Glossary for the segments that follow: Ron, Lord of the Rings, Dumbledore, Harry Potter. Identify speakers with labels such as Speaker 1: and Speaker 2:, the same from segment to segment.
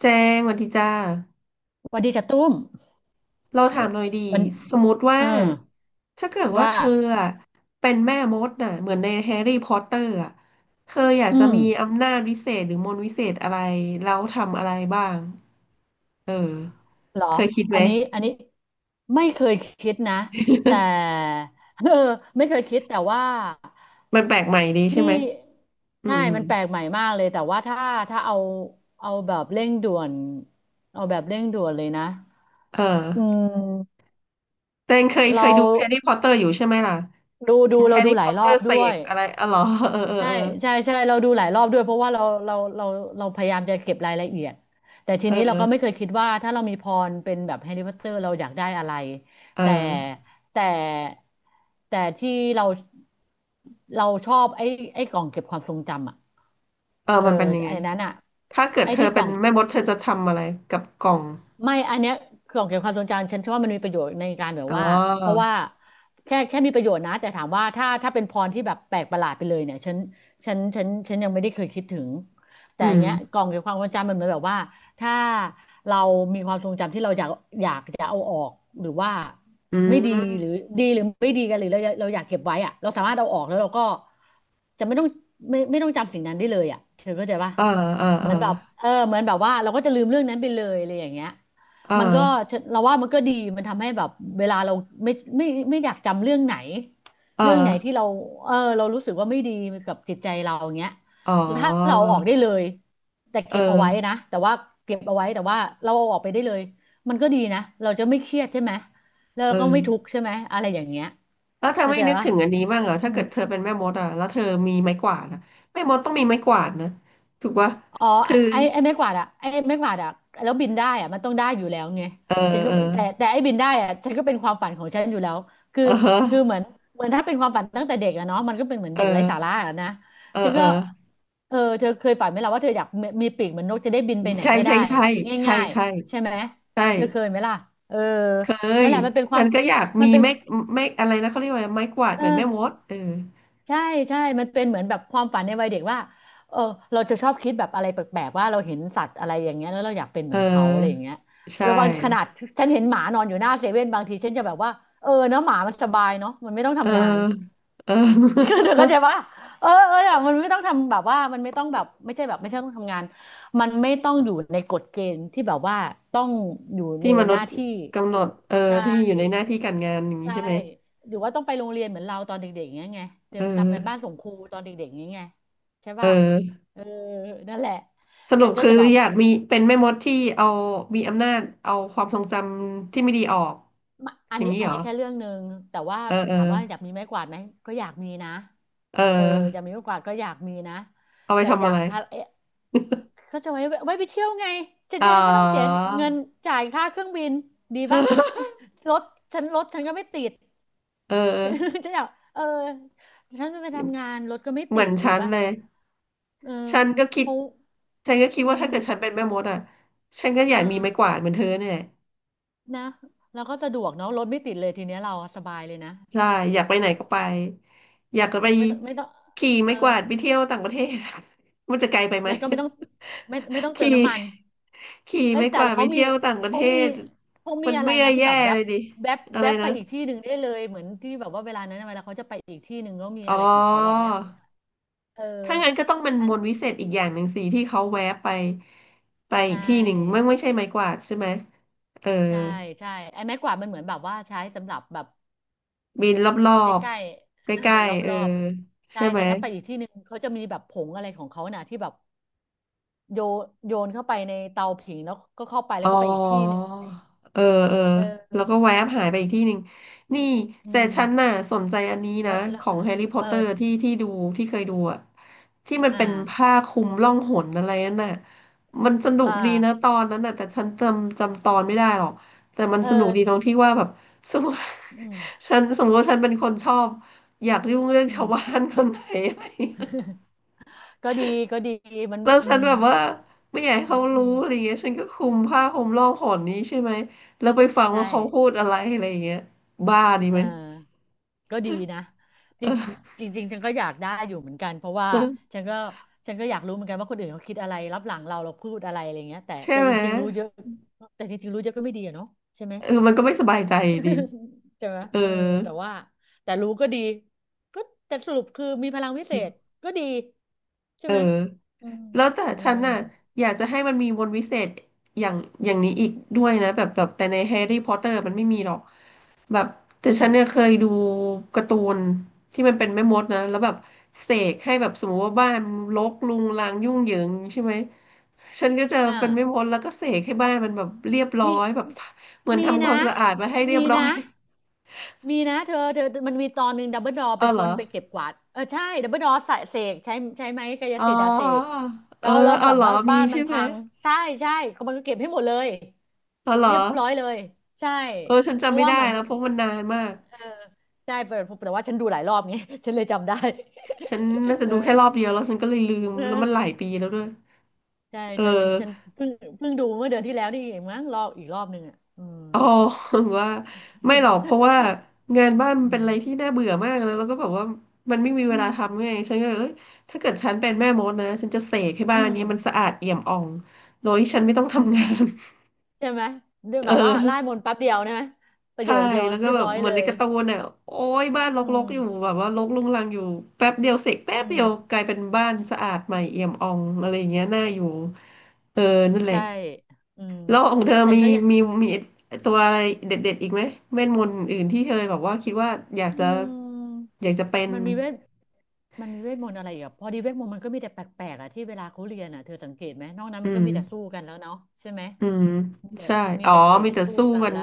Speaker 1: แจ้งสวัสดีจ้า
Speaker 2: หวัสดีจ้ะตุ้ม
Speaker 1: เรา
Speaker 2: โอ้
Speaker 1: ถามหน่อยดี
Speaker 2: วัน
Speaker 1: สมมติว่า
Speaker 2: เออ
Speaker 1: ถ้าเกิดว่า
Speaker 2: ว่า
Speaker 1: เธออะเป็นแม่มดน่ะเหมือนในแฮร์รี่พอตเตอร์อะเธออยาก
Speaker 2: อื
Speaker 1: จะ
Speaker 2: ม
Speaker 1: มีอำนาจวิเศษหรือมนต์วิเศษอะไรแล้วทำอะไรบ้างเออ
Speaker 2: เหรอ
Speaker 1: เคยคิดไห
Speaker 2: อั
Speaker 1: ม
Speaker 2: นนี้อันนี้ไม่เคยคิดนะแต่ เออไม่เคยคิดแต่ว่า
Speaker 1: มันแปลกใหม่ดีใช่ไหม
Speaker 2: ที่
Speaker 1: อื
Speaker 2: ใช่
Speaker 1: มอืม
Speaker 2: มันแปลกใหม่มากเลยแต่ว่าถ้าเอาเอาแบบเร่งด่วนเอาแบบเร่งด่วนเลยนะ
Speaker 1: เออ
Speaker 2: อืม
Speaker 1: แต่เคยเค
Speaker 2: เรา
Speaker 1: ยดูแฮร์รี่พอตเตอร์อยู่ใช่ไหมล่ะ
Speaker 2: ดู
Speaker 1: เห็
Speaker 2: ดู
Speaker 1: นแฮ
Speaker 2: เรา
Speaker 1: ร์
Speaker 2: ดู
Speaker 1: รี่
Speaker 2: ห
Speaker 1: พ
Speaker 2: ลา
Speaker 1: อ
Speaker 2: ย
Speaker 1: ต
Speaker 2: ร
Speaker 1: เตอ
Speaker 2: อบ
Speaker 1: ร์เส
Speaker 2: ด้ว
Speaker 1: ก
Speaker 2: ย
Speaker 1: อะไรอ๋อเหรอเออเออ
Speaker 2: ใช่
Speaker 1: เออ
Speaker 2: ใช่เราดูหลายรอบด้วยเพราะว่าเราพยายามจะเก็บรายละเอียดแต่ที
Speaker 1: เอ
Speaker 2: นี้เราก็ไม่
Speaker 1: อ
Speaker 2: เคยคิดว่าถ้าเรามีพรเป็นแบบแฮร์รี่พอตเตอร์เราอยากได้อะไร
Speaker 1: เอ
Speaker 2: แต่
Speaker 1: อ
Speaker 2: แต่แต่ที่เราชอบไอ้กล่องเก็บความทรงจำอ่ะ
Speaker 1: เออ
Speaker 2: เออ
Speaker 1: มันเป็นยังไง
Speaker 2: ไอ้นั้นอ่ะ
Speaker 1: ถ้าเกิด
Speaker 2: ไอ้
Speaker 1: เธอ
Speaker 2: ที่ก
Speaker 1: เป็
Speaker 2: ล่
Speaker 1: น
Speaker 2: อง
Speaker 1: แม่มดเธอจะทำอะไรกับกล่อง
Speaker 2: ไม่อันเนี้ยคือของเกี่ยวกับความทรงจำฉันว่ามันมีประโยชน์ในการแบบ
Speaker 1: อ๋อ
Speaker 2: ว่าเพราะว่าแค่มีประโยชน์นะแต่ถามว่าถ้าเป็นพรที่แบบแปลกประหลาดไปเลยเนี่ยฉันยังไม่ได้เคยคิดถึงแต่
Speaker 1: อื
Speaker 2: อัน
Speaker 1: ม
Speaker 2: เนี้ยกล่องเกี่ยวกับความทรงจำมันเหมือนแบบว่าถ้าเรามีความทรงจำที่เราอยากอยากจะเอาออกหรือว่า
Speaker 1: อื
Speaker 2: ไม่ดีหรือ
Speaker 1: ม
Speaker 2: ดีหรือไม่ดีกันหรือเราอยากเก็บไว้อะเราสามารถเอาออกแล้วเราก็จะไม่ต้องไม่ต้องจำสิ่งนั้นได้เลยอะเธอเข้าใจปะ
Speaker 1: เออเออ
Speaker 2: เห
Speaker 1: เอ
Speaker 2: มื
Speaker 1: อ
Speaker 2: อนแบบเออเหมือนแบบว่าเราก็จะลืมเรื่องนั้นไปเลยอะไรอย่างเงี้ย
Speaker 1: เอ
Speaker 2: มันก็
Speaker 1: อ
Speaker 2: เราว่ามันก็ดีมันทำให้แบบเวลาเราไม่ไม่ไม่อยากจำเรื่องไหน
Speaker 1: เออ
Speaker 2: เรื่องไหนที่เราเออเรารู้สึกว่าไม่ดีกับจิตใจเราอย่างเงี้ย
Speaker 1: อ๋
Speaker 2: ถ้าเรา
Speaker 1: อ
Speaker 2: เอาออกได้เลยแต่
Speaker 1: เ
Speaker 2: เก็บเอาไว้
Speaker 1: ออ
Speaker 2: นะแต่ว่าเก็บเอาไว้แต่ว่าเราเอาออกไปได้เลยมันก็ดีนะเราจะไม่เครียดใช่ไหมแล้ว
Speaker 1: เอ
Speaker 2: เราก็
Speaker 1: อ
Speaker 2: ไม่ทุกข์ใช่ไหมอะไรอย่างเงี้ย
Speaker 1: แล้วเธอ
Speaker 2: เข้า
Speaker 1: ไม่
Speaker 2: ใจ
Speaker 1: นึก
Speaker 2: ปะ
Speaker 1: ถึงอันนี้บ้างเหรอถ้าเกิดเธอเป็นแม่มดอ่ะแล้วเธอมีไม้กวาดอ่ะแม่มดต้องมีไม้กวาดนะ ถูกปะ
Speaker 2: อ๋อ
Speaker 1: คือ
Speaker 2: ไอ้ไม้กวาดอะแล้วบินได้อะมันต้องได้อยู่แล้วไง
Speaker 1: เอ
Speaker 2: ฉัน
Speaker 1: อ
Speaker 2: ก็
Speaker 1: เออ
Speaker 2: แต่ไอ้บินได้อะฉันก็เป็นความฝันของฉันอยู่แล้วคือ
Speaker 1: เออ
Speaker 2: คือเหมือนถ้าเป็นความฝันตั้งแต่เด็กอะเนาะมันก็เป็นเหมือน
Speaker 1: เอ
Speaker 2: เด็กไร้สาระ
Speaker 1: อ
Speaker 2: อะนะ
Speaker 1: เออ
Speaker 2: ฉัน
Speaker 1: เอ
Speaker 2: ก็
Speaker 1: อ
Speaker 2: เออเธอเคยฝันไหมล่ะว่าเธออยากมีปีกเหมือนนกจะได้บินไปไหน
Speaker 1: ใช่
Speaker 2: ก็
Speaker 1: ใช่
Speaker 2: ได้
Speaker 1: ใช่ใช่
Speaker 2: ง่าย
Speaker 1: ใช่
Speaker 2: ๆใช่ไหม
Speaker 1: ใช่
Speaker 2: เธอเคยไหมล่ะเออ
Speaker 1: เค
Speaker 2: นั่น
Speaker 1: ย
Speaker 2: แหละมันเป็นค
Speaker 1: ฉั
Speaker 2: วาม
Speaker 1: นก็อยาก
Speaker 2: มั
Speaker 1: มี
Speaker 2: นเป็น
Speaker 1: ไม้ไม้อะไรนะเขาเรียกว่าไม้กวาด
Speaker 2: เอ
Speaker 1: เหมือนแม่ม
Speaker 2: อ
Speaker 1: ดเออ
Speaker 2: ใช่ใช่มันเป็นเหมือนแบบความฝันในวัยเด็กว่าเออเราจะชอบคิดแบบอะไรแปลกๆว่าเราเห็นสัตว์อะไรอย่างเงี้ยแล้วเราอยากเป็น
Speaker 1: เ
Speaker 2: เหมือนเขาอะไรอย่าง
Speaker 1: ออ
Speaker 2: เงี้ย
Speaker 1: ใช่
Speaker 2: แล้วบางขนาดฉันเห็นหมานอนอยู่หน้าเซเว่นบางทีฉันจะแบบว่าเออเนาะหมามันสบายเนาะมันไม่ต้อง
Speaker 1: เออ
Speaker 2: ทำงาน
Speaker 1: เออ
Speaker 2: เธอเข้าใจปะเออเอออะมันไม่ต้องทำแบบว่ามันไม่ต้องแบบไม่ใช่แบบไม่ใช่ต้องทำงานมันไม่ต้องอยู่ในกฎเกณฑ์ที่แบบว่าต้องอยู่ ใน
Speaker 1: ที่ม
Speaker 2: ห
Speaker 1: นุษ
Speaker 2: น้า
Speaker 1: ย์
Speaker 2: ที่
Speaker 1: กำหนดเออ
Speaker 2: ใช่
Speaker 1: ที่อยู่ในหน้าที่การงานอย่างนี้
Speaker 2: ใช่
Speaker 1: ใช่ไหม
Speaker 2: หรือว่าต้องไปโรงเรียนเหมือนเราตอนเด็กๆอย่างเงี้ยไงเดี๋
Speaker 1: เอ
Speaker 2: ยวทำกันบ้าน
Speaker 1: อ
Speaker 2: ส่งครูตอนเด็กๆอย่างเงี้ยไงใช่
Speaker 1: เ
Speaker 2: ป่ะ
Speaker 1: ออ
Speaker 2: เออนั่นแหละ
Speaker 1: สรุ
Speaker 2: ฉั
Speaker 1: ป
Speaker 2: นก็
Speaker 1: คือ
Speaker 2: จะแบบ
Speaker 1: อยากมีเป็นแม่มดที่เอามีอำนาจเอาความทรงจำที่ไม่ดีออก
Speaker 2: มาอั
Speaker 1: อ
Speaker 2: น
Speaker 1: ย่าง
Speaker 2: นี้
Speaker 1: นี้
Speaker 2: อั
Speaker 1: เห
Speaker 2: น
Speaker 1: รอ
Speaker 2: นี้แค่เรื่องหนึ่งแต่ว่า
Speaker 1: เออเออ
Speaker 2: ถามว่าอยากมีไม้กวาดไหมก็อยากมีนะ
Speaker 1: เอ
Speaker 2: เอออยาก
Speaker 1: อ
Speaker 2: มีไม้กวาดก็อยากมีนะ
Speaker 1: เอาไป
Speaker 2: แต่อ
Speaker 1: ทำอะ
Speaker 2: ยาก
Speaker 1: ไร
Speaker 2: พาเอ๊ะก็จะไว้ไปเที่ยวไงฉัน
Speaker 1: อ๋อ
Speaker 2: จะได้ไม่ต้องเสียเงินจ่ายค่าเครื่องบินดีป่ะ รถรถฉันก็ไม่ติด
Speaker 1: เออ
Speaker 2: ฉันอยากเออฉันไปทำงานรถก็ไม่
Speaker 1: เห
Speaker 2: ติ
Speaker 1: มือน
Speaker 2: ดดี
Speaker 1: ฉัน
Speaker 2: ป่ะ
Speaker 1: เลย
Speaker 2: เออ
Speaker 1: ฉันก็คิ
Speaker 2: เพ
Speaker 1: ด
Speaker 2: ราะ
Speaker 1: ฉันก็คิด
Speaker 2: อื
Speaker 1: ว่าถ้าเกิดฉั
Speaker 2: ม
Speaker 1: นเป็นแม่มดอ่ะฉันก็อ
Speaker 2: เอ
Speaker 1: ยากมีไม้ก
Speaker 2: อ
Speaker 1: วาดเหมือนเธอเนี่ย
Speaker 2: นะแล้วก็สะดวกเนาะรถไม่ติดเลยทีเนี้ยเราสบายเลยนะ
Speaker 1: ใช่อยากไป
Speaker 2: ใช่
Speaker 1: ไห
Speaker 2: ไห
Speaker 1: น
Speaker 2: ม
Speaker 1: ก็ไปอยากจะ
Speaker 2: เอ
Speaker 1: ไป
Speaker 2: อไม่ต้อง
Speaker 1: ขี่
Speaker 2: เอ
Speaker 1: ไม้
Speaker 2: อ
Speaker 1: กวาดไปเที่ยวต่างประเทศ มันจะไกลไปไหม
Speaker 2: แล้วก็ไม่ต้องไม่ต้อง เติม
Speaker 1: ขี่
Speaker 2: น้ำมัน
Speaker 1: ขี่
Speaker 2: เอ้ย
Speaker 1: ไม้
Speaker 2: แต่
Speaker 1: กวาดไป
Speaker 2: เขามี
Speaker 1: เที่ยวต่างประเท
Speaker 2: เขามี
Speaker 1: ศ
Speaker 2: เขามี
Speaker 1: มัน
Speaker 2: อะไร
Speaker 1: ไม่ได้
Speaker 2: นะที่
Speaker 1: แย่
Speaker 2: แบบแว
Speaker 1: เล
Speaker 2: บ
Speaker 1: ยดิ
Speaker 2: แวบ
Speaker 1: อะไร
Speaker 2: แวบไป
Speaker 1: นะ
Speaker 2: อีกที่หนึ่งได้เลยเหมือนที่แบบว่าเวลานั้นน่ะเวลาเขาจะไปอีกที่หนึ่งก็มี
Speaker 1: อ๋
Speaker 2: อะ
Speaker 1: อ
Speaker 2: ไรของเขาอ่ะแม่มดอะเออ
Speaker 1: ถ้างั้นก็ต้องเป็น
Speaker 2: อั
Speaker 1: ม
Speaker 2: น
Speaker 1: นต์วิเศษอีกอย่างหนึ่งสิที่เขาแวะไปไปอี
Speaker 2: ใช่
Speaker 1: กที่หนึ่งไม่ใช่ไม้กวาดใช่ไหมเออ
Speaker 2: ใช่ใช่ไอ้ไม้กวาดมันเหมือนแบบว่าใช้สำหรับแบบ
Speaker 1: บินรอ
Speaker 2: ใก
Speaker 1: บ
Speaker 2: ล้
Speaker 1: ๆใก
Speaker 2: ๆเออ
Speaker 1: ล้
Speaker 2: เป็นร
Speaker 1: ๆเออ
Speaker 2: อบๆใช่
Speaker 1: ใช่ไหม
Speaker 2: แต่ถ้าไปอีกที่หนึ่งเขาจะมีแบบผงอะไรของเขาน่ะที่แบบโยโยนเข้าไปในเตาผิงแล้วก็เข้าไปแล้
Speaker 1: อ๋
Speaker 2: ว
Speaker 1: อ
Speaker 2: ก็ไปอีกที่หนึ่ง
Speaker 1: เออ เออ
Speaker 2: เออ
Speaker 1: แล้วก็แวบหายไปอีกที่หนึ่ง นี่
Speaker 2: อื
Speaker 1: แต่
Speaker 2: ม
Speaker 1: ฉันน่ะสนใจอันนี้
Speaker 2: แล้
Speaker 1: นะ
Speaker 2: วแล้
Speaker 1: ข
Speaker 2: ว
Speaker 1: องแฮร์รี่พอต
Speaker 2: เออ
Speaker 1: เตอร์ที่ดูที่เคยดูอะที่มัน
Speaker 2: อ่า
Speaker 1: เป็นผ้าคลุมล่องหนอะไรนั่นน่ะมันสนุก
Speaker 2: อ่า
Speaker 1: ดีนะตอนนั้นน่ะแต่ฉันจำตอนไม่ได้หรอกแต่มัน
Speaker 2: เอ
Speaker 1: สนุกดีตรง
Speaker 2: อ
Speaker 1: ที่ว่าแบบสมมติ
Speaker 2: อืม
Speaker 1: ฉันสมมติว่าฉันเป็นคนชอบอยากยุ่งเรื่อง
Speaker 2: อื
Speaker 1: ชา
Speaker 2: ม
Speaker 1: วบ้านคนไหนอะไร
Speaker 2: ก็ดีก็ดีมัน
Speaker 1: แล้ว
Speaker 2: อื
Speaker 1: ฉัน
Speaker 2: ม
Speaker 1: แบบว่าไม่อยากให้
Speaker 2: อื
Speaker 1: เขารู้
Speaker 2: ม
Speaker 1: อะไรเงี้ยฉันก็คลุมผ้าห่มร่องหนนี้ใช่ไหมแล้วไปฟัง
Speaker 2: ใช่
Speaker 1: ว่าเขาพูดอะไรอะไรเงี้ยบ้าดี
Speaker 2: เอ
Speaker 1: ไห
Speaker 2: อ
Speaker 1: ม
Speaker 2: ก็ดีนะจ
Speaker 1: เออ
Speaker 2: ริงจริงๆฉันก็อยากได้อยู่เหมือนกันเพราะว่าฉันก็ฉันก็อยากรู้เหมือนกันว่าคนอื่นเขาคิดอะไรรับหลังเราเราพูดอะไรอะไรเงี้ยแต่
Speaker 1: ใช่
Speaker 2: แต่
Speaker 1: ไห
Speaker 2: จ
Speaker 1: ม
Speaker 2: ริงๆรู้เยอะแต่จริงๆรู้เยอะก็ไม่ดีอะเนาะใช่ไหม
Speaker 1: เออมันก็ไม่สบายใจดี
Speaker 2: ใช่ไหม
Speaker 1: เออ
Speaker 2: เออแต่ว่าแต่รู้ก็ดีก็แต่สรุปคือมีพลังวิเศษก็ดีใช่
Speaker 1: เออ
Speaker 2: ไหมอืม
Speaker 1: แล้วแต่
Speaker 2: อื
Speaker 1: ฉัน
Speaker 2: ม
Speaker 1: น่ะอยากจะให้มันมีมนต์วิเศษอย่างอย่างนี้อีกด้วยนะแบบแต่ในแฮร์รี่พอตเตอร์มันไม่มีหรอกแบบแต่
Speaker 2: อื
Speaker 1: ฉั
Speaker 2: ม
Speaker 1: นเนี่ยเคยดูการ์ตูนที่มันเป็นแม่มดนะแล้วแบบเสกให้แบบสมมติว่าบ้านรกรุงรังยุ่งเหยิงใช่ไหม ฉันก็จะ
Speaker 2: อ่า
Speaker 1: เป็นไม่มดแล้วก็เสกให้บ้านมันแบบเรียบร้อ
Speaker 2: มี
Speaker 1: ยแบบเหมือน
Speaker 2: มี
Speaker 1: ทำควา
Speaker 2: นะ
Speaker 1: มสะอาดมาให้เรีย
Speaker 2: มี
Speaker 1: บร้อ
Speaker 2: นะ
Speaker 1: ย
Speaker 2: มีนะเธอมันมีตอนหนึ่งดับเบิลดอ เป็
Speaker 1: เอา
Speaker 2: น
Speaker 1: เห
Speaker 2: ค
Speaker 1: รอ
Speaker 2: นไปเก็บกวาดเออใช่ดับเบิลดอใส่เสกใช้ไม้กาย
Speaker 1: อ๋อ
Speaker 2: สิทธิ์อะเสก
Speaker 1: เอ
Speaker 2: แล้
Speaker 1: อ
Speaker 2: วแล้ว
Speaker 1: เอา
Speaker 2: แบบ
Speaker 1: เหรอ
Speaker 2: ว่า
Speaker 1: มี
Speaker 2: บ้านมั
Speaker 1: ใช่
Speaker 2: น
Speaker 1: ไหม
Speaker 2: พังใช่ใช่เขามันก็เก็บให้หมดเลย
Speaker 1: เอาเหร
Speaker 2: เรี
Speaker 1: อ
Speaker 2: ยบร้อยเลยใช่
Speaker 1: เออฉัน
Speaker 2: เพ
Speaker 1: จำ
Speaker 2: ราะ
Speaker 1: ไม่
Speaker 2: ว่า
Speaker 1: ได้
Speaker 2: เหมือน
Speaker 1: แล้วเพราะมันนานมาก
Speaker 2: เออใช่แต่ว่าฉันดูหลายรอบไง ฉันเลยจำได้
Speaker 1: ฉัน น่าจะ
Speaker 2: เอ
Speaker 1: ดูแค่รอบ
Speaker 2: อ
Speaker 1: เดียวแล้วฉันก็เลยลืม
Speaker 2: เอ
Speaker 1: แล้วมันหลาย
Speaker 2: อ
Speaker 1: ปีแล้วด้วย
Speaker 2: ใช่
Speaker 1: เออ
Speaker 2: ใช่ฉันเพิ่งเพิ่งดูเมื่อเดือนที่แล้วนี่เองมั้งรอบอีกรอบหนึ่งอ่ะอืม
Speaker 1: อ๋อ ว่าไม่หรอก เพราะว่างานบ้านมั
Speaker 2: อื
Speaker 1: นเป็นอะ
Speaker 2: ม
Speaker 1: ไรที่น่าเบื่อมากแล้วก็แบบว่ามันไม่มีเว
Speaker 2: อื
Speaker 1: ลา
Speaker 2: ม
Speaker 1: ทำไงฉันก็เลยเอ้ยถ้าเกิดฉันเป็นแม่มดนะฉันจะเสกให้บ้า
Speaker 2: อื
Speaker 1: น
Speaker 2: ม
Speaker 1: เนี้ยมันสะอาดเอี่ยมอ่องโดยที่ฉันไม่ต้อง
Speaker 2: อืม
Speaker 1: ทำงาน
Speaker 2: ใช่ไหมด้วย
Speaker 1: เ
Speaker 2: แบบว่าไล่
Speaker 1: ออ
Speaker 2: มนต์แป๊บเดียวนะประโย
Speaker 1: ใช่
Speaker 2: คเดียว
Speaker 1: แล้วก็
Speaker 2: เรียบ
Speaker 1: แบบ
Speaker 2: ร้อย
Speaker 1: เหมื
Speaker 2: เล
Speaker 1: อนใน
Speaker 2: ย
Speaker 1: การ์ตูนเนี่ยโอ้ยบ้านร
Speaker 2: อื
Speaker 1: ก
Speaker 2: ม
Speaker 1: ๆอยู่แบบว่ารกรุงรังอยู่แป๊บเดียวเสกแป๊
Speaker 2: อื
Speaker 1: บเดี
Speaker 2: ม
Speaker 1: ยวกลายเป็นบ้านสะอาดใหม่เอี่ยมอ่องอะไรอย่างเงี้ยน่าอยู่เออนั่นแหละ
Speaker 2: ใช่อืม
Speaker 1: แล้วของเธอ
Speaker 2: ฉันก็อยาก
Speaker 1: มีมีตัวอะไรเด็ดๆอีกไหมเวทมนต์อื่นที่เธอแบบว่าคิดว่าอยาก
Speaker 2: อื
Speaker 1: จะ
Speaker 2: ม
Speaker 1: อยากจะเป็น
Speaker 2: มันมีเวทมันมีเวทมนต์อะไรอีกอ่ะพอดีเวทมนต์มันก็มีแต่แปลกๆอ่ะที่เวลาเขาเรียนอ่ะเธอสังเกตไหมนอกนั้น
Speaker 1: อื
Speaker 2: มันก็
Speaker 1: ม
Speaker 2: มีแต่สู้กันแล้วเนาะใช่ไหม
Speaker 1: อืม
Speaker 2: มีแต่
Speaker 1: ใช่
Speaker 2: มี
Speaker 1: อ๋อ
Speaker 2: แต่เสก
Speaker 1: มีแต่
Speaker 2: สู้
Speaker 1: สู้
Speaker 2: กัน
Speaker 1: กัน
Speaker 2: ละ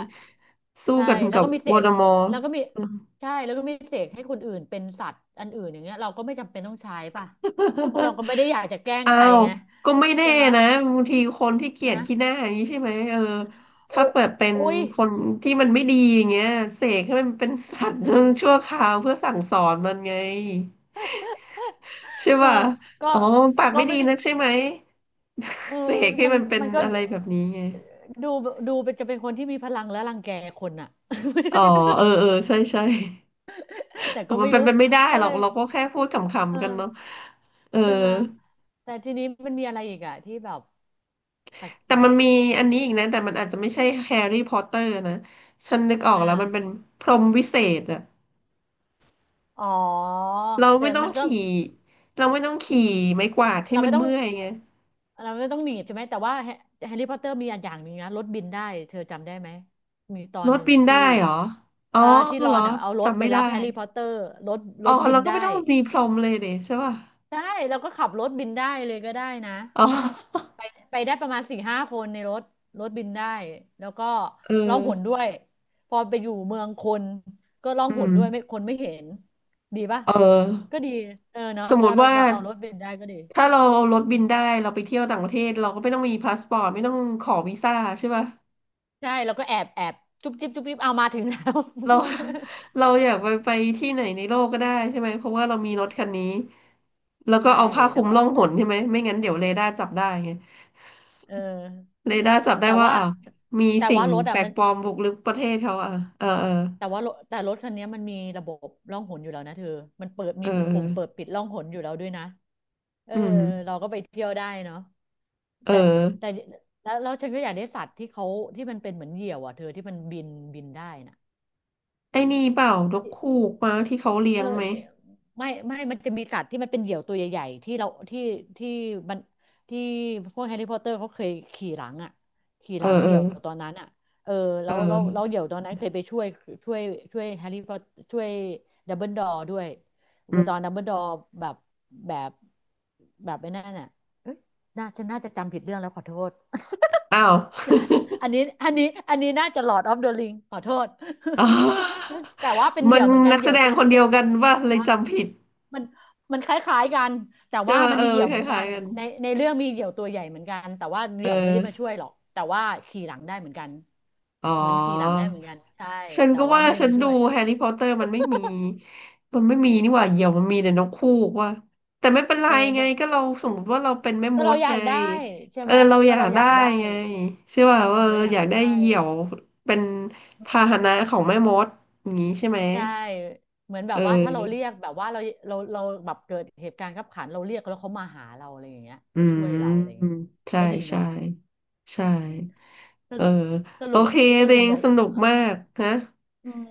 Speaker 1: สู้
Speaker 2: ใช่
Speaker 1: กัน
Speaker 2: แล้
Speaker 1: กั
Speaker 2: ว
Speaker 1: บ
Speaker 2: ก็มีเส
Speaker 1: วอร์ด
Speaker 2: ก
Speaker 1: มอร์
Speaker 2: แล้วก็มี
Speaker 1: อืม
Speaker 2: ใช่แล้วก็มีเสกให้คนอื่นเป็นสัตว์อันอื่นอย่างเงี้ยเราก็ไม่จำเป็นต้องใช้ป่ะเพราะเราก็ไม่ได้อยากจะแกล้ ง
Speaker 1: อ้า
Speaker 2: ใคร
Speaker 1: ว
Speaker 2: ไง
Speaker 1: ก็ไม่แน่
Speaker 2: ใช่ไหม
Speaker 1: นะบางทีคนที่เกลียดขี้หน้า
Speaker 2: นะ
Speaker 1: อย่างนี้ใช่ไหมเออ
Speaker 2: โอ
Speaker 1: ถ้าเปิดเป็น
Speaker 2: อุ้ย
Speaker 1: คนที่มันไม่ดีอย่างเงี้ยเสกให้มันเป็นสัตว์ ชั่วคราวเพื่อสั่งสอนมันไง ใช่
Speaker 2: ก็
Speaker 1: ป่ะ
Speaker 2: ก็
Speaker 1: อ๋อปาก
Speaker 2: ก็
Speaker 1: ไม่ดี
Speaker 2: ไม่
Speaker 1: นักใช่ไหม
Speaker 2: เอ
Speaker 1: เส
Speaker 2: อ
Speaker 1: กให้
Speaker 2: มัน
Speaker 1: มันเป็น
Speaker 2: มันก็
Speaker 1: อะไรแบบนี้ไง
Speaker 2: ดูดูเป็นจะเป็นคนที่มีพลังและรังแกคนอะ
Speaker 1: อ๋อ เออ เออ ใช่ใช่
Speaker 2: แต่
Speaker 1: อ๋อ
Speaker 2: ก็
Speaker 1: มั
Speaker 2: ไม่
Speaker 1: นเป็น
Speaker 2: รู้
Speaker 1: ไปไม่ได้
Speaker 2: ก็
Speaker 1: หรอ
Speaker 2: เล
Speaker 1: ก
Speaker 2: ย
Speaker 1: เราก็แค่พูดข
Speaker 2: เ
Speaker 1: ำๆ กันเนาะ
Speaker 2: ออ
Speaker 1: เออ
Speaker 2: ใช่ไหมแต่ทีนี้มันมีอะไรอีกอะที่แบบแ
Speaker 1: แต่
Speaker 2: ปล
Speaker 1: มันมี
Speaker 2: ก
Speaker 1: อันนี้อีกนะ แต่มันอาจจะไม่ใช่แฮร์รี่พอตเตอร์นะ ฉันนึกออ
Speaker 2: ๆ
Speaker 1: ก
Speaker 2: อ่า
Speaker 1: แล้วมันเป็นพรหมวิเศษอะ
Speaker 2: อ๋อ
Speaker 1: เรา
Speaker 2: แต่
Speaker 1: ไม่ต้อง
Speaker 2: มันก็
Speaker 1: ขี่เราไม่ต้อง
Speaker 2: อื
Speaker 1: ขี่
Speaker 2: ม
Speaker 1: ไม้กวาดให้
Speaker 2: เรา
Speaker 1: มั
Speaker 2: ไม่
Speaker 1: น
Speaker 2: ต้อง
Speaker 1: เมื่อยไง
Speaker 2: เราไม่ต้องหนีบใช่ไหมแต่ว่าแฮร์รี่พอตเตอร์มีอันอย่างหนึ่งนะรถบินได้เธอจำได้ไหมมีตอ
Speaker 1: ร
Speaker 2: นห
Speaker 1: ถ
Speaker 2: นึ่ง
Speaker 1: บิ
Speaker 2: อ่ะ
Speaker 1: นได้
Speaker 2: ที่
Speaker 1: เหรออ๋อ
Speaker 2: ที่รอ
Speaker 1: เหรอ
Speaker 2: นอ่ะเอารถ
Speaker 1: จำ
Speaker 2: ไป
Speaker 1: ไม่
Speaker 2: รั
Speaker 1: ได้
Speaker 2: บแฮร์รี่พอตเตอร์รถร
Speaker 1: อ๋อ
Speaker 2: ถบิ
Speaker 1: เรา
Speaker 2: น
Speaker 1: ก็
Speaker 2: ได้
Speaker 1: ไม่ต้องมีพรหมเลยเดใช่ป่ะ
Speaker 2: ใช่เราก็ขับรถบินได้เลยก็ได้นะ
Speaker 1: อ๋อ
Speaker 2: ไป ไปได้ประมาณสี่ห้าคนในรถรถบินได้แล้วก็
Speaker 1: เออ
Speaker 2: ร้องหนด้วยพอไปอยู่เมืองคนก็ร้อง
Speaker 1: อื
Speaker 2: หน
Speaker 1: ม
Speaker 2: ด้วยไม่คนไม่เห็นดีป่ะ
Speaker 1: เอ
Speaker 2: ก็
Speaker 1: อ
Speaker 2: ดีเออเนาะ
Speaker 1: สมม
Speaker 2: เรา
Speaker 1: ติ
Speaker 2: เรา
Speaker 1: ว่า
Speaker 2: เราเอารถบินได้ก็ดี
Speaker 1: ถ้าเราเอารถบินได้เราไปเที่ยวต่างประเทศเราก็ไม่ต้องมีพาสปอร์ตไม่ต้องขอวีซ่าใช่ป่ะ
Speaker 2: ใช่แล้วก็แอบจุ๊บจิ๊บจุ๊บจิ๊บเอามาถึงแล้ว
Speaker 1: เรา เราอยากไปที่ไหนในโลกก็ได้ใช่ไหมเพราะว่าเรามีรถคันนี้แล้ว ก็
Speaker 2: ใช่
Speaker 1: เอาผ้าค
Speaker 2: แล้
Speaker 1: ลุ
Speaker 2: ว
Speaker 1: ม
Speaker 2: ก็
Speaker 1: ล่องหนใช่ไหมไม่งั้นเดี๋ยวเรดาร์จับได้ไง
Speaker 2: เออ
Speaker 1: เรดาร์จับได้
Speaker 2: แต่
Speaker 1: ว่า
Speaker 2: ว่า
Speaker 1: อ้าวมี
Speaker 2: แต่
Speaker 1: สิ่ง
Speaker 2: ว่ารถ
Speaker 1: แป
Speaker 2: อ่ะ
Speaker 1: ลก
Speaker 2: มัน
Speaker 1: ปลอมบุกรุกประเทศเขาอ่ะเออเออ
Speaker 2: แต่รถคันนี้มันมีระบบร่องหนอยู่แล้วนะเธอมันเปิด
Speaker 1: เอ
Speaker 2: มี
Speaker 1: อเอ
Speaker 2: ปุ่มเปิด
Speaker 1: อ
Speaker 2: ปิดร่องหนอยู่แล้วด้วยนะเออ
Speaker 1: อืม
Speaker 2: เราก็ไปเที่ยวได้เนาะ
Speaker 1: เอ
Speaker 2: แต่แต่
Speaker 1: อ
Speaker 2: แล้วฉันก็อยากได้สัตว์ที่เขาที่มันเป็นเหมือนเหยี่ยวอ่ะเธอที่มันบินได้น่ะ
Speaker 1: ไอ้นี่เปล่านกคูกมาที่เขาเลี้
Speaker 2: เอ
Speaker 1: ย
Speaker 2: อ
Speaker 1: งไหม
Speaker 2: ไม่มันจะมีสัตว์ที่มันเป็นเหยี่ยวตัวใหญ่ๆที่เราที่ที่มันที่พวกแฮร์รี่พอตเตอร์เขาเคยขี่หลังอ่ะขี่
Speaker 1: เอ
Speaker 2: ห
Speaker 1: อ
Speaker 2: ลัง
Speaker 1: เอ
Speaker 2: เห
Speaker 1: อ
Speaker 2: ยี่ยวตอนนั้นอ่ะเออ
Speaker 1: เ
Speaker 2: แล้วแล้วแล้
Speaker 1: ออ
Speaker 2: วเหยี่ยวตอนนั้นเคยไปช่วยช่วยช่วยแฮร์รี่พอตช่วยดัมเบิลดอร์ด้วย
Speaker 1: อื
Speaker 2: ตอน
Speaker 1: ม
Speaker 2: ดัมเบิลดอร์แบบแบบแบบไอ้นั่นน่ะเอ้ยน่าจะจำผิดเรื่องแล้วขอโทษ
Speaker 1: อ้าว
Speaker 2: อันนี้น่าจะหลอดออฟเดอะริงขอโทษ
Speaker 1: อ๋อ
Speaker 2: แต่ว่าเป็นเห
Speaker 1: มั
Speaker 2: ยี่
Speaker 1: น
Speaker 2: ยวเหมือนกัน
Speaker 1: นัก
Speaker 2: เห
Speaker 1: แส
Speaker 2: ยี่ยว
Speaker 1: ด
Speaker 2: ตั
Speaker 1: ง
Speaker 2: ว
Speaker 1: คนเดี
Speaker 2: ตั
Speaker 1: ย
Speaker 2: ว
Speaker 1: วกัน
Speaker 2: ใหญ่ๆที่
Speaker 1: ว่าเลย
Speaker 2: ได้
Speaker 1: จำผิด
Speaker 2: มันมันคล้ายๆกันแต่
Speaker 1: ใช่
Speaker 2: ว่า
Speaker 1: ไหม
Speaker 2: มัน
Speaker 1: เออ
Speaker 2: มีเหยี่
Speaker 1: มั
Speaker 2: ย
Speaker 1: น
Speaker 2: ว
Speaker 1: ค
Speaker 2: เหมือนกั
Speaker 1: ล้าย
Speaker 2: น
Speaker 1: ๆกัน
Speaker 2: ในเรื่องมีเหยี่ยวตัวใหญ่เหมือนกันแต่ว่าเห
Speaker 1: เอ
Speaker 2: ยี่ยวไม่ได้
Speaker 1: อ
Speaker 2: มาช่วยหรอกแต่ว่าขี่หลังได้เหมือนกัน
Speaker 1: อ๋อ
Speaker 2: เหมือนขี่หลังได้เหมือนกันใช่
Speaker 1: ฉัน
Speaker 2: แต่
Speaker 1: ก็
Speaker 2: ว่า
Speaker 1: ว่า
Speaker 2: ไม่ได้
Speaker 1: ฉัน
Speaker 2: มาช่
Speaker 1: ดู
Speaker 2: วย
Speaker 1: แฮร์รี่พอตเตอร์มันไม่มีนี่หว่าเหยี่ยวมันมีแต่นกคู่ว่าแต่ไม่เป็นไร
Speaker 2: เออ
Speaker 1: ไง
Speaker 2: เนี่ย
Speaker 1: ก็เราสมมติว่าเราเป็นแม่ม
Speaker 2: ก็เรา
Speaker 1: ด
Speaker 2: อยา
Speaker 1: ไง
Speaker 2: กได้ใช่
Speaker 1: เออ
Speaker 2: ไหม
Speaker 1: เราอ
Speaker 2: ก็
Speaker 1: ยา
Speaker 2: เรา
Speaker 1: ก
Speaker 2: อ
Speaker 1: ได้
Speaker 2: ยากได้
Speaker 1: ไงใช่
Speaker 2: อื
Speaker 1: ป่ะ
Speaker 2: ม
Speaker 1: ว่าเออ
Speaker 2: เราอยา
Speaker 1: อ
Speaker 2: ก
Speaker 1: ยากได้
Speaker 2: ได้
Speaker 1: เหยี่ยวเป็นพาหนะของแม่มดอย่างนี้ใช่ไหม
Speaker 2: ใช่เหมือนแบ
Speaker 1: เอ
Speaker 2: บว่าถ้าเราเรี
Speaker 1: อ
Speaker 2: ยกแบบว่าเราเราแบบเกิดเหตุการณ์ขับขันเราเรียกแล้วเขามาหาเราอะไรอย่างเงี้ย
Speaker 1: อื
Speaker 2: มาช่วยเราอะไรอ
Speaker 1: ม
Speaker 2: ย่างเงี้ย
Speaker 1: ใช่
Speaker 2: ก็ดี
Speaker 1: ใช่
Speaker 2: เนาะ
Speaker 1: ใช่
Speaker 2: อืมส
Speaker 1: เออ
Speaker 2: รุปส
Speaker 1: โอ
Speaker 2: รุป
Speaker 1: เค
Speaker 2: ส
Speaker 1: เด
Speaker 2: รุป
Speaker 1: ง
Speaker 2: เหมือน
Speaker 1: สนุก
Speaker 2: เออ
Speaker 1: มากฮะ
Speaker 2: อืม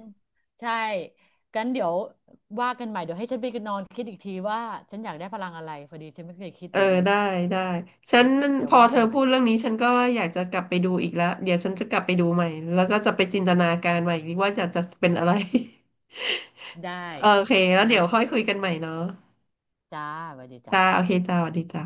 Speaker 2: ใช่กันเดี๋ยวว่ากันใหม่เดี๋ยวให้ฉันไปนอนคิดอีกทีว่าฉันอยากได้พลังอะไรพอดีฉันไม่เคยคิด
Speaker 1: เอ
Speaker 2: เห
Speaker 1: อ
Speaker 2: มือนกัน
Speaker 1: ได้ได้ฉัน
Speaker 2: เนาะเดี๋ย
Speaker 1: พ
Speaker 2: ว
Speaker 1: อ
Speaker 2: ว่า
Speaker 1: เธอ
Speaker 2: กันให
Speaker 1: พู
Speaker 2: ม่
Speaker 1: ดเรื่องนี้ฉันก็อยากจะกลับไปดูอีกแล้วเดี๋ยวฉันจะกลับไปดูใหม่แล้วก็จะไปจินตนาการใหม่อีกว่าจะเป็นอะไร
Speaker 2: ได้
Speaker 1: โอเคแล้วเดี๋ย
Speaker 2: นะ
Speaker 1: วค่อยคุยกันใหม่เนาะ
Speaker 2: จ้าสวัสดีจ้า
Speaker 1: จ้าโอเคจ้าสวัสดีจ้า